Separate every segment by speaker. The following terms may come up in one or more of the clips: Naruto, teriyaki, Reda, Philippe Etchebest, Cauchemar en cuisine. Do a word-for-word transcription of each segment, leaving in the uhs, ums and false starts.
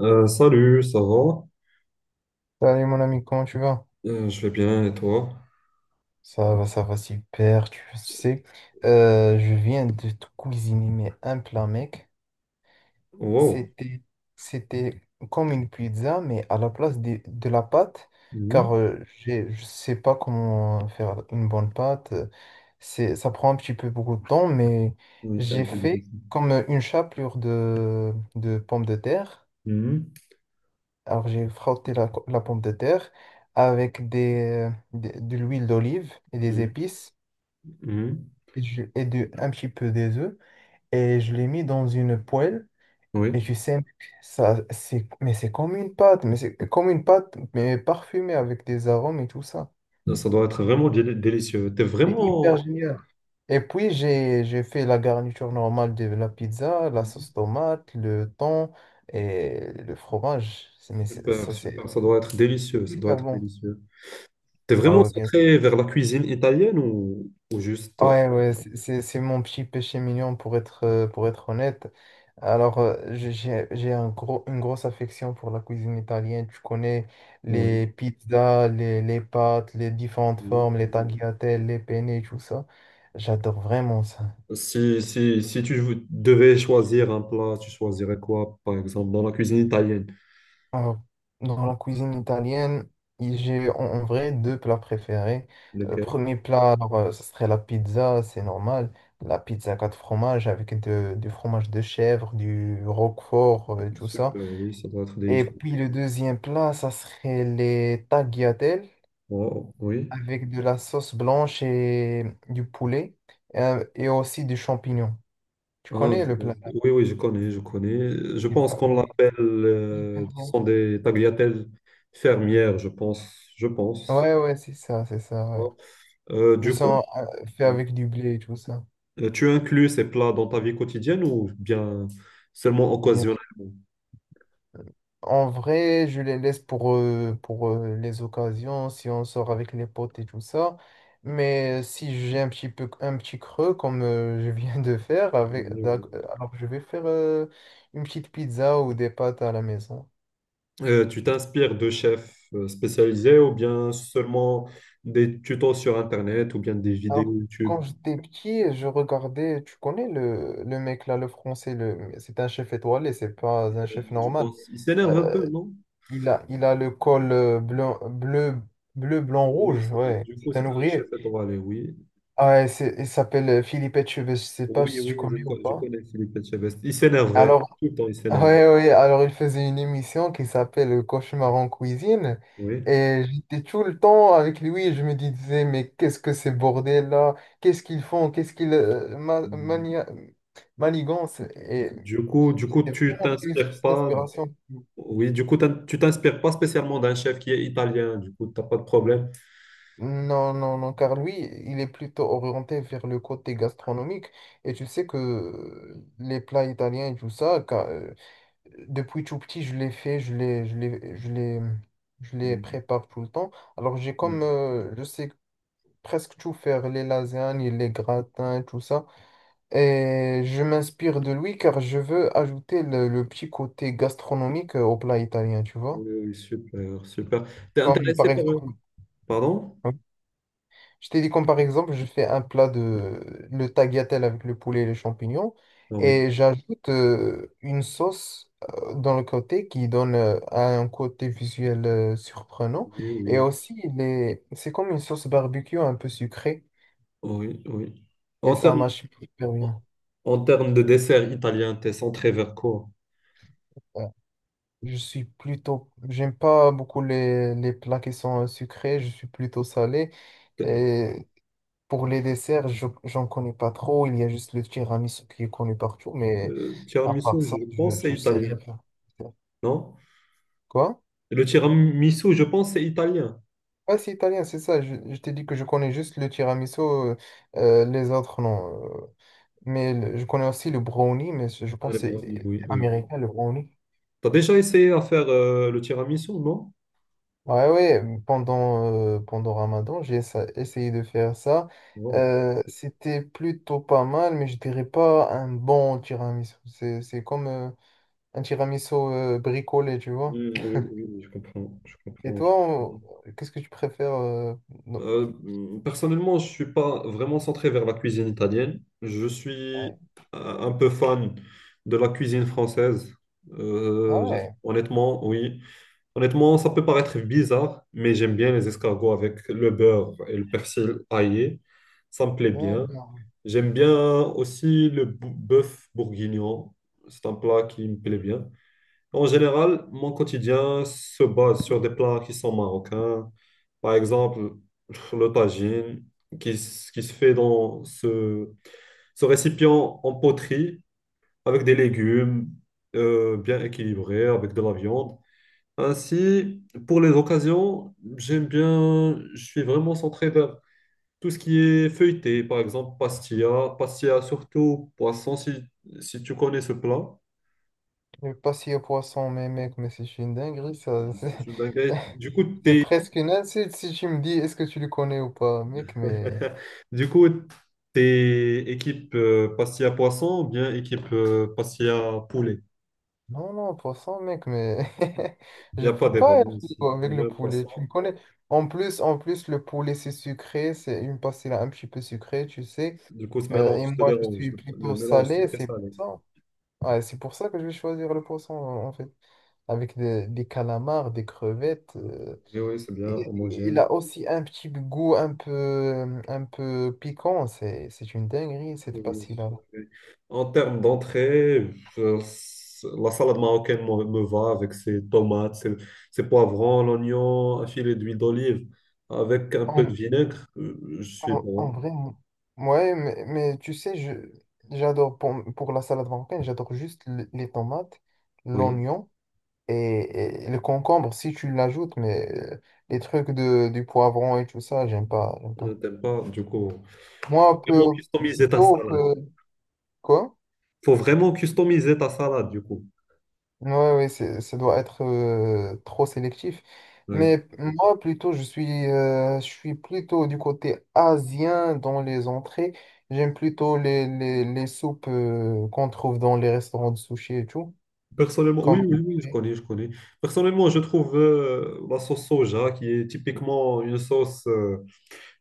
Speaker 1: Euh, salut, ça va?
Speaker 2: Salut mon ami, comment tu vas?
Speaker 1: Euh, je vais bien, et toi?
Speaker 2: Ça va, ça va super, tu tu sais. Euh, je viens de te cuisiner mais un plat, mec.
Speaker 1: Wow.
Speaker 2: C'était, c'était comme une pizza, mais à la place de, de la pâte, car
Speaker 1: Mhm.
Speaker 2: euh, j'ai- je sais pas comment faire une bonne pâte. euh, C'est, ça prend un petit peu beaucoup de temps, mais
Speaker 1: Oui, c'est un
Speaker 2: j'ai
Speaker 1: peu
Speaker 2: fait
Speaker 1: difficile.
Speaker 2: comme une chapelure de, de pommes de terre.
Speaker 1: Mhm.
Speaker 2: Alors, j'ai frotté la, co- la pomme de terre avec des, des- de l'huile d'olive et des
Speaker 1: Mhm.
Speaker 2: épices
Speaker 1: Mhm.
Speaker 2: et, je- et de, un petit peu des œufs. Et je l'ai mis dans une poêle. Et
Speaker 1: Oui,
Speaker 2: tu sais, mec, ça, c'est, mais c'est comme une pâte, mais c'est comme une pâte, mais parfumée avec des arômes et tout ça.
Speaker 1: ça doit être vraiment déli- délicieux. T'es
Speaker 2: C'est hyper
Speaker 1: vraiment.
Speaker 2: génial. Et puis, j'ai, j'ai fait la garniture normale de la pizza, la sauce
Speaker 1: Mhm.
Speaker 2: tomate, le thon et le fromage. C'est- Mais c'est-
Speaker 1: Super,
Speaker 2: ça,
Speaker 1: super.
Speaker 2: c'est
Speaker 1: Ça doit être délicieux. Ça doit
Speaker 2: hyper
Speaker 1: être
Speaker 2: bon.
Speaker 1: délicieux. T'es
Speaker 2: Bah
Speaker 1: vraiment
Speaker 2: ouais, bien.
Speaker 1: centré vers la cuisine italienne, ou, ou juste.
Speaker 2: Ouais, ouais, c'est c'est- c'est mon petit péché mignon pour être, euh, pour être honnête. Alors, euh, j'ai j'ai- j'ai un gros, une grosse affection pour la cuisine italienne. Tu connais les
Speaker 1: Oui.
Speaker 2: pizzas, les, les pâtes, les différentes
Speaker 1: Oui,
Speaker 2: formes, les
Speaker 1: oui.
Speaker 2: tagliatelles, les penne, tout ça. J'adore vraiment ça.
Speaker 1: Si, si, si tu vou- devais choisir un plat, tu choisirais quoi, par exemple, dans la cuisine italienne?
Speaker 2: Euh, Dans la cuisine italienne, il- j'ai en en vrai deux plats préférés. Le
Speaker 1: Lequel?
Speaker 2: premier plat, alors, euh, ce serait la pizza, c'est normal. La pizza quatre fromages avec de- du fromage de chèvre, du roquefort, euh, tout ça.
Speaker 1: Super, oui, ça doit être
Speaker 2: Et
Speaker 1: délicieux.
Speaker 2: puis le deuxième plat, ça serait les tagliatelles
Speaker 1: Wow, oui.
Speaker 2: avec de la sauce blanche et du poulet euh, et aussi du champignon. Tu
Speaker 1: Ah,
Speaker 2: connais le plat?
Speaker 1: oui, oui, je connais, je connais. Je pense qu'on
Speaker 2: Mais
Speaker 1: l'appelle, euh,
Speaker 2: hyper
Speaker 1: ce
Speaker 2: bon.
Speaker 1: sont des tagliatelles fermières, je pense, je pense.
Speaker 2: Ouais, ouais, c'est ça, c'est ça, ouais.
Speaker 1: Euh,
Speaker 2: Ils
Speaker 1: du coup,
Speaker 2: sont euh, faits
Speaker 1: oui.
Speaker 2: avec du blé et tout ça.
Speaker 1: Euh, tu inclus ces plats dans ta vie quotidienne ou bien seulement
Speaker 2: Bien,
Speaker 1: occasionnellement?
Speaker 2: en vrai, je les laisse pour, euh, pour euh, les occasions, si on sort avec les potes et tout ça. Mais si j'ai un petit peu un petit creux comme euh, je viens de faire avec
Speaker 1: Oui,
Speaker 2: d'ac-
Speaker 1: oui.
Speaker 2: euh, alors je vais faire euh, une petite pizza ou des pâtes à la maison.
Speaker 1: Euh, tu t'inspires de chefs euh, spécialisés ou bien seulement des tutos sur Internet ou bien des vidéos
Speaker 2: Alors
Speaker 1: YouTube?
Speaker 2: quand j'étais petit, je regardais, tu connais le, le mec là, le français, le c'est un chef étoilé, c'est pas un
Speaker 1: Euh,
Speaker 2: chef
Speaker 1: Je
Speaker 2: normal.
Speaker 1: pense, il s'énerve un
Speaker 2: Euh,
Speaker 1: peu, non?
Speaker 2: il a il a le col euh, blanc- bleu bleu blanc
Speaker 1: Oui,
Speaker 2: rouge,
Speaker 1: c'est-
Speaker 2: ouais,
Speaker 1: du coup,
Speaker 2: c'est
Speaker 1: c'est
Speaker 2: un
Speaker 1: un
Speaker 2: ouvrier.
Speaker 1: chef étoilé, oui.
Speaker 2: Ouais, c'est- il s'appelle euh, Philippe Etchebest, je sais pas
Speaker 1: Oui,
Speaker 2: si tu
Speaker 1: oui, je,
Speaker 2: connais ou
Speaker 1: co- je
Speaker 2: pas.
Speaker 1: connais Philippe Etchebest. Il s'énerve, euh,
Speaker 2: Alors,
Speaker 1: tout le temps il
Speaker 2: ouais,
Speaker 1: s'énerve.
Speaker 2: ouais, alors il faisait une émission qui s'appelle euh, Cauchemar en cuisine.
Speaker 1: Oui.
Speaker 2: Et j'étais tout le temps avec lui, et je me disais, mais qu'est-ce que ces bordels là? Qu'est-ce qu'ils font? Qu'est-ce qu'ils euh, ma- mania- manigancent? Et
Speaker 1: Du coup, du coup,
Speaker 2: c'est
Speaker 1: tu
Speaker 2: vraiment connu sur
Speaker 1: t'inspires
Speaker 2: cette
Speaker 1: pas.
Speaker 2: inspiration.
Speaker 1: Oui, du coup, t'in- tu t'inspires pas spécialement d'un chef qui est italien. Du coup, t'as pas de problème.
Speaker 2: Non, non, non, car lui, il est plutôt orienté vers le côté gastronomique. Et tu sais que euh, les plats italiens et tout ça, depuis tout petit, je l'ai fait, je les, je les, je les, je les
Speaker 1: Mm,
Speaker 2: prépare tout le temps. Alors, j'ai comme,
Speaker 1: mm.
Speaker 2: euh, je sais presque tout faire, les lasagnes, les gratins, tout ça. Et je m'inspire de lui car je veux ajouter le, le petit côté gastronomique euh, au plat italien, tu
Speaker 1: Oui,
Speaker 2: vois.
Speaker 1: oui, super, super. T'es
Speaker 2: Comme par
Speaker 1: intéressé par eux?
Speaker 2: exemple,
Speaker 1: Pardon?
Speaker 2: je t'ai dit comme par exemple, je fais un plat de le tagliatelle avec le poulet et les champignons
Speaker 1: Ah oui,
Speaker 2: et j'ajoute euh, une sauce euh, dans le côté qui donne euh, un côté visuel euh, surprenant
Speaker 1: oui,
Speaker 2: et
Speaker 1: oui,
Speaker 2: aussi les... c'est comme une sauce barbecue un peu sucrée
Speaker 1: oui, oui.
Speaker 2: et
Speaker 1: En
Speaker 2: ça
Speaker 1: termes,
Speaker 2: marche super bien.
Speaker 1: en termes de dessert italien, t'es centré vers quoi?
Speaker 2: Ouais. Je suis plutôt, j'aime pas beaucoup les, les plats qui sont euh, sucrés, je suis plutôt salé. Et pour les desserts, je, j'en connais pas trop. Il y a juste le tiramisu qui est connu partout, mais
Speaker 1: Le
Speaker 2: à part
Speaker 1: tiramisu,
Speaker 2: ça,
Speaker 1: je
Speaker 2: je,
Speaker 1: pense c'est
Speaker 2: je sais rien
Speaker 1: italien,
Speaker 2: faire.
Speaker 1: non?
Speaker 2: Quoi?
Speaker 1: Le tiramisu, je pense c'est italien.
Speaker 2: Ah, c'est italien, c'est ça. Je, je t'ai dit que je connais juste le tiramisu, euh, euh, les autres, non. euh. Mais le- je connais aussi le brownie, mais je je
Speaker 1: Ah, les
Speaker 2: pense que c'est
Speaker 1: brownies, oui,
Speaker 2: c'est
Speaker 1: oui.
Speaker 2: américain, le brownie.
Speaker 1: T'as déjà essayé à faire euh, le tiramisu, non?
Speaker 2: Ouais, ouais, pendant, euh, pendant Ramadan, j'ai essa- essayé de faire ça.
Speaker 1: Wow.
Speaker 2: Euh, c'était plutôt pas mal, mais je dirais pas un bon tiramisu. C'est c'est comme. euh, Un tiramisu euh, bricolé, tu vois.
Speaker 1: Mm, oui, oui, je comprends, je
Speaker 2: Et
Speaker 1: comprends, je
Speaker 2: toi,
Speaker 1: comprends.
Speaker 2: on- qu'est-ce que tu préfères euh, non.
Speaker 1: Euh, Personnellement, je suis pas vraiment centré vers la cuisine italienne. Je suis
Speaker 2: Ouais.
Speaker 1: euh, un peu fan de la cuisine française.
Speaker 2: Ah
Speaker 1: Euh, je-
Speaker 2: ouais,
Speaker 1: Honnêtement, oui. Honnêtement, ça peut paraître bizarre, mais j'aime bien les escargots avec le beurre et le persil aillé. Ça me plaît bien.
Speaker 2: d'accord.
Speaker 1: J'aime bien aussi le bou- bœuf bourguignon. C'est un plat qui me plaît bien. En général, mon quotidien se base sur des plats qui sont marocains. Par exemple, le tagine qui, s- qui se fait dans ce, ce récipient en poterie avec des légumes euh, bien équilibrés, avec de la viande. Ainsi, pour les occasions, j'aime bien, je suis vraiment centré vers tout ce qui est feuilleté, par exemple pastilla, pastilla surtout poisson, si, si tu connais ce plat.
Speaker 2: Le pastis au poisson, mais mec, mais c'est une dinguerie, ça. C'est
Speaker 1: C'est une dinguerie. Du coup,
Speaker 2: c'est
Speaker 1: tu
Speaker 2: presque une insulte si tu me dis est-ce que tu le connais ou pas, mec, mais...
Speaker 1: Du coup, t'es équipe euh, pastilla poisson ou bien équipe euh, pastilla poulet?
Speaker 2: Non, non, poisson, mec, mais...
Speaker 1: Il n'y
Speaker 2: Je
Speaker 1: a
Speaker 2: peux
Speaker 1: pas débat,
Speaker 2: pas être
Speaker 1: moi aussi.
Speaker 2: frigo
Speaker 1: J'aime
Speaker 2: avec
Speaker 1: bien
Speaker 2: le
Speaker 1: le
Speaker 2: poulet,
Speaker 1: poisson.
Speaker 2: tu me connais. En plus, en plus, le poulet, c'est sucré, c'est une pastilla un petit peu sucrée, tu sais.
Speaker 1: Du coup, ce
Speaker 2: Euh, et
Speaker 1: mélange te
Speaker 2: moi, je
Speaker 1: dérange,
Speaker 2: suis
Speaker 1: le, le
Speaker 2: plutôt
Speaker 1: mélange
Speaker 2: salé, c'est pour
Speaker 1: sucré-salé.
Speaker 2: ça. Ouais, c'est pour ça que je vais choisir le poisson, en fait. Avec des, des calamars, des crevettes. euh,
Speaker 1: Oui, oui, c'est bien
Speaker 2: et, et il
Speaker 1: homogène.
Speaker 2: a aussi un petit goût un peu, un peu piquant. C'est, c'est une dinguerie, cette
Speaker 1: Oui, oui,
Speaker 2: pastille-là.
Speaker 1: c'est. En termes d'entrée, euh, c- la salade marocaine me, me va avec ses tomates, ses, ses poivrons, l'oignon, un filet d'huile d'olive avec un peu de
Speaker 2: En,
Speaker 1: vinaigre. Euh, Je suis
Speaker 2: en, en
Speaker 1: bon.
Speaker 2: vrai, m- ouais, mais, mais tu sais, je, j'adore pour, pour la salade marocaine, j'adore juste l- les tomates,
Speaker 1: Oui.
Speaker 2: l'oignon et, et le concombre si tu l'ajoutes, mais euh, les trucs de, du poivron et tout ça, j'aime pas, j'aime
Speaker 1: Euh,
Speaker 2: pas.
Speaker 1: t'aimes pas, du coup.
Speaker 2: Moi, un
Speaker 1: Faut vraiment
Speaker 2: peu
Speaker 1: customiser ta
Speaker 2: plutôt
Speaker 1: salade.
Speaker 2: que quoi?
Speaker 1: Faut vraiment customiser ta salade, du coup.
Speaker 2: Ouais, ouais, c'est- ça doit être euh, trop sélectif.
Speaker 1: Ouais.
Speaker 2: Mais moi, plutôt, je suis, euh, je suis plutôt du côté asien dans les entrées. J'aime plutôt les, les, les soupes euh, qu'on trouve dans les restaurants de sushi et tout.
Speaker 1: Personnellement, oui,
Speaker 2: Comme...
Speaker 1: oui, oui, je connais, je connais. Personnellement, je trouve euh, la sauce soja, qui est typiquement une sauce, euh,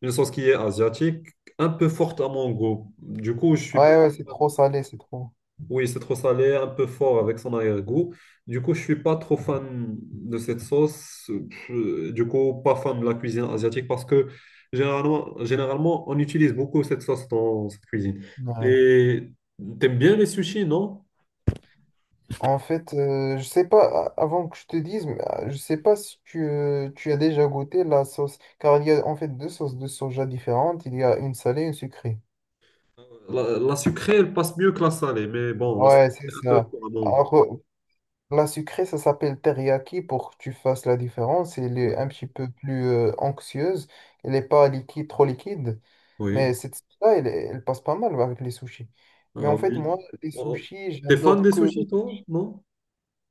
Speaker 1: une sauce qui est asiatique, un peu forte à mon goût. Du coup, je suis
Speaker 2: Ouais, ouais, c'est
Speaker 1: pas.
Speaker 2: trop salé, c'est trop.
Speaker 1: Oui, c'est trop salé, un peu fort avec son arrière-goût. Du coup, je suis pas trop fan de cette sauce. Je- Du coup, pas fan de la cuisine asiatique parce que généralement, généralement on utilise beaucoup cette sauce dans cette cuisine.
Speaker 2: Ouais.
Speaker 1: Et t'aimes bien les sushis, non?
Speaker 2: En fait, euh, je sais pas, a- avant que je te dise, mais, euh, je sais pas si tu, euh, tu as déjà goûté la sauce, car il y a en fait deux sauces de soja différentes. Il y a une salée et une sucrée.
Speaker 1: La, la sucrée, elle passe mieux que la salée, mais bon, la salée,
Speaker 2: Ouais, c'est
Speaker 1: c'est un peu
Speaker 2: ça.
Speaker 1: fort à mon goût.
Speaker 2: Alors, la sucrée, ça s'appelle teriyaki pour que tu fasses la différence. Elle est un
Speaker 1: Oui,
Speaker 2: petit peu plus euh, anxieuse. Elle n'est pas liquide, trop liquide.
Speaker 1: oui.
Speaker 2: Mais cette sauce-là, elle, elle passe pas mal avec les sushis. Mais
Speaker 1: Euh,
Speaker 2: en fait,
Speaker 1: oui.
Speaker 2: moi, les
Speaker 1: Oh,
Speaker 2: sushis,
Speaker 1: t'es fan
Speaker 2: j'adore
Speaker 1: des
Speaker 2: que
Speaker 1: sushis, toi? Non?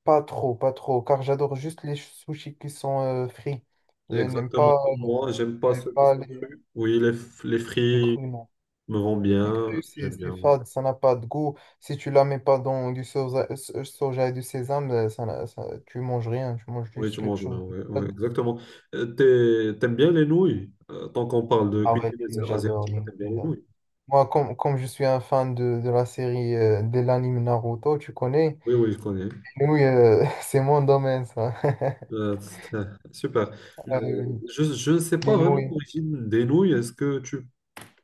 Speaker 2: pas trop, pas trop, car j'adore juste les sushis qui sont euh, frits. Je n'aime
Speaker 1: Exactement
Speaker 2: pas,
Speaker 1: comme moi, j'aime pas
Speaker 2: ouais,
Speaker 1: ceux qui
Speaker 2: pas
Speaker 1: sont
Speaker 2: les,
Speaker 1: crus. Oui, les, f- les
Speaker 2: les
Speaker 1: frits
Speaker 2: crus, non.
Speaker 1: me rend
Speaker 2: Les cru,
Speaker 1: bien,
Speaker 2: c'est
Speaker 1: j'aime
Speaker 2: c'est
Speaker 1: bien, oui.
Speaker 2: fade, ça n'a pas de goût. Si tu la mets pas dans du soja, so- soja et du sésame, euh, ça, n'a- ça- tu manges rien, tu manges
Speaker 1: Oui,
Speaker 2: juste
Speaker 1: tu
Speaker 2: quelque
Speaker 1: manges
Speaker 2: chose
Speaker 1: bien,
Speaker 2: de
Speaker 1: oui, oui,
Speaker 2: fade.
Speaker 1: exactement. Euh, t'es- T'aimes bien les nouilles? Euh, tant qu'on parle de
Speaker 2: Ah ouais,
Speaker 1: cuisine
Speaker 2: les- j'adore,
Speaker 1: asiatique,
Speaker 2: les-
Speaker 1: t'aimes bien les
Speaker 2: j'adore.
Speaker 1: nouilles?
Speaker 2: Moi, comme, comme je suis un fan de, de la série, euh, de l'anime Naruto, tu connais,
Speaker 1: Oui, oui, je connais.
Speaker 2: les nouilles, euh, c'est mon domaine, ça.
Speaker 1: Euh, super. Euh,
Speaker 2: Euh,
Speaker 1: je, je ne sais pas
Speaker 2: les
Speaker 1: vraiment
Speaker 2: nouilles
Speaker 1: l'origine des nouilles. Est-ce que tu,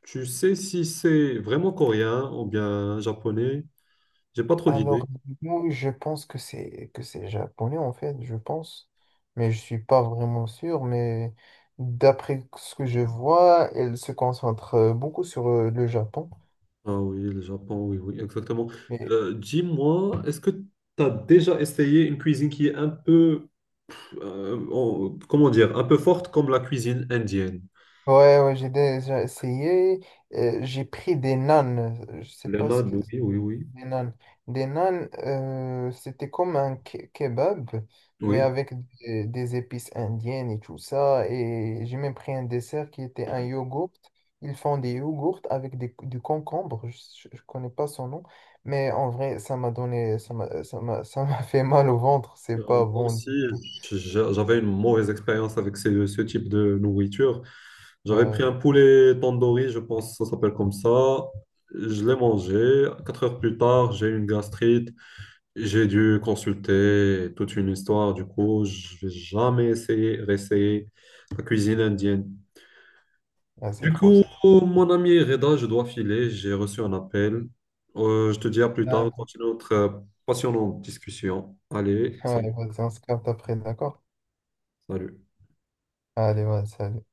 Speaker 1: tu sais si c'est vraiment coréen ou bien japonais? J'ai pas trop
Speaker 2: Alors,
Speaker 1: d'idées.
Speaker 2: du coup, je pense que c'est que c'est japonais en fait, je pense, mais je suis pas vraiment sûr. Mais d'après ce que je vois, elle se concentre euh, beaucoup sur euh, le Japon.
Speaker 1: Ah oui, le Japon, oui, oui, exactement.
Speaker 2: Et,
Speaker 1: Euh, dis-moi, est-ce que tu as déjà essayé une cuisine qui est un peu euh, en- comment dire, un peu forte comme la cuisine indienne.
Speaker 2: ouais, ouais, j'ai déjà essayé. Euh, j'ai pris des nanes. euh, Je sais
Speaker 1: Les
Speaker 2: pas ce
Speaker 1: naans,
Speaker 2: que.
Speaker 1: oui, oui, oui,
Speaker 2: Des nanes. Des nanes, euh, c'était comme un ke- kebab, mais
Speaker 1: oui.
Speaker 2: avec des, des épices indiennes et tout ça. Et j'ai même pris un dessert qui était un yogourt. Ils font des yogourts avec des, du concombre. Je ne connais pas son nom. Mais en vrai, ça m'a donné, ça m'a, ça m'a, ça m'a fait mal au ventre. C'est
Speaker 1: Euh,
Speaker 2: pas
Speaker 1: moi
Speaker 2: bon
Speaker 1: aussi,
Speaker 2: du tout.
Speaker 1: j'a- j'avais une mauvaise expérience avec ce, ce type de nourriture. J'avais pris un
Speaker 2: Ouais,
Speaker 1: poulet tandoori, je pense que ça s'appelle comme ça. Je l'ai mangé. Quatre heures plus tard, j'ai eu une gastrite. J'ai dû consulter toute une histoire. Du coup, je vais jamais essayer, réessayer la cuisine indienne.
Speaker 2: ouais, c'est
Speaker 1: Du
Speaker 2: trop,
Speaker 1: coup,
Speaker 2: c'est trop.
Speaker 1: mon ami Reda, je dois filer, j'ai reçu un appel. Euh, je te dis à plus tard, on
Speaker 2: Ouais,
Speaker 1: continue notre euh, passionnante discussion. Allez,
Speaker 2: ouais,
Speaker 1: salut,
Speaker 2: vas-y, on se capte après, d'accord?
Speaker 1: salut.
Speaker 2: Allez, vas-y, salut.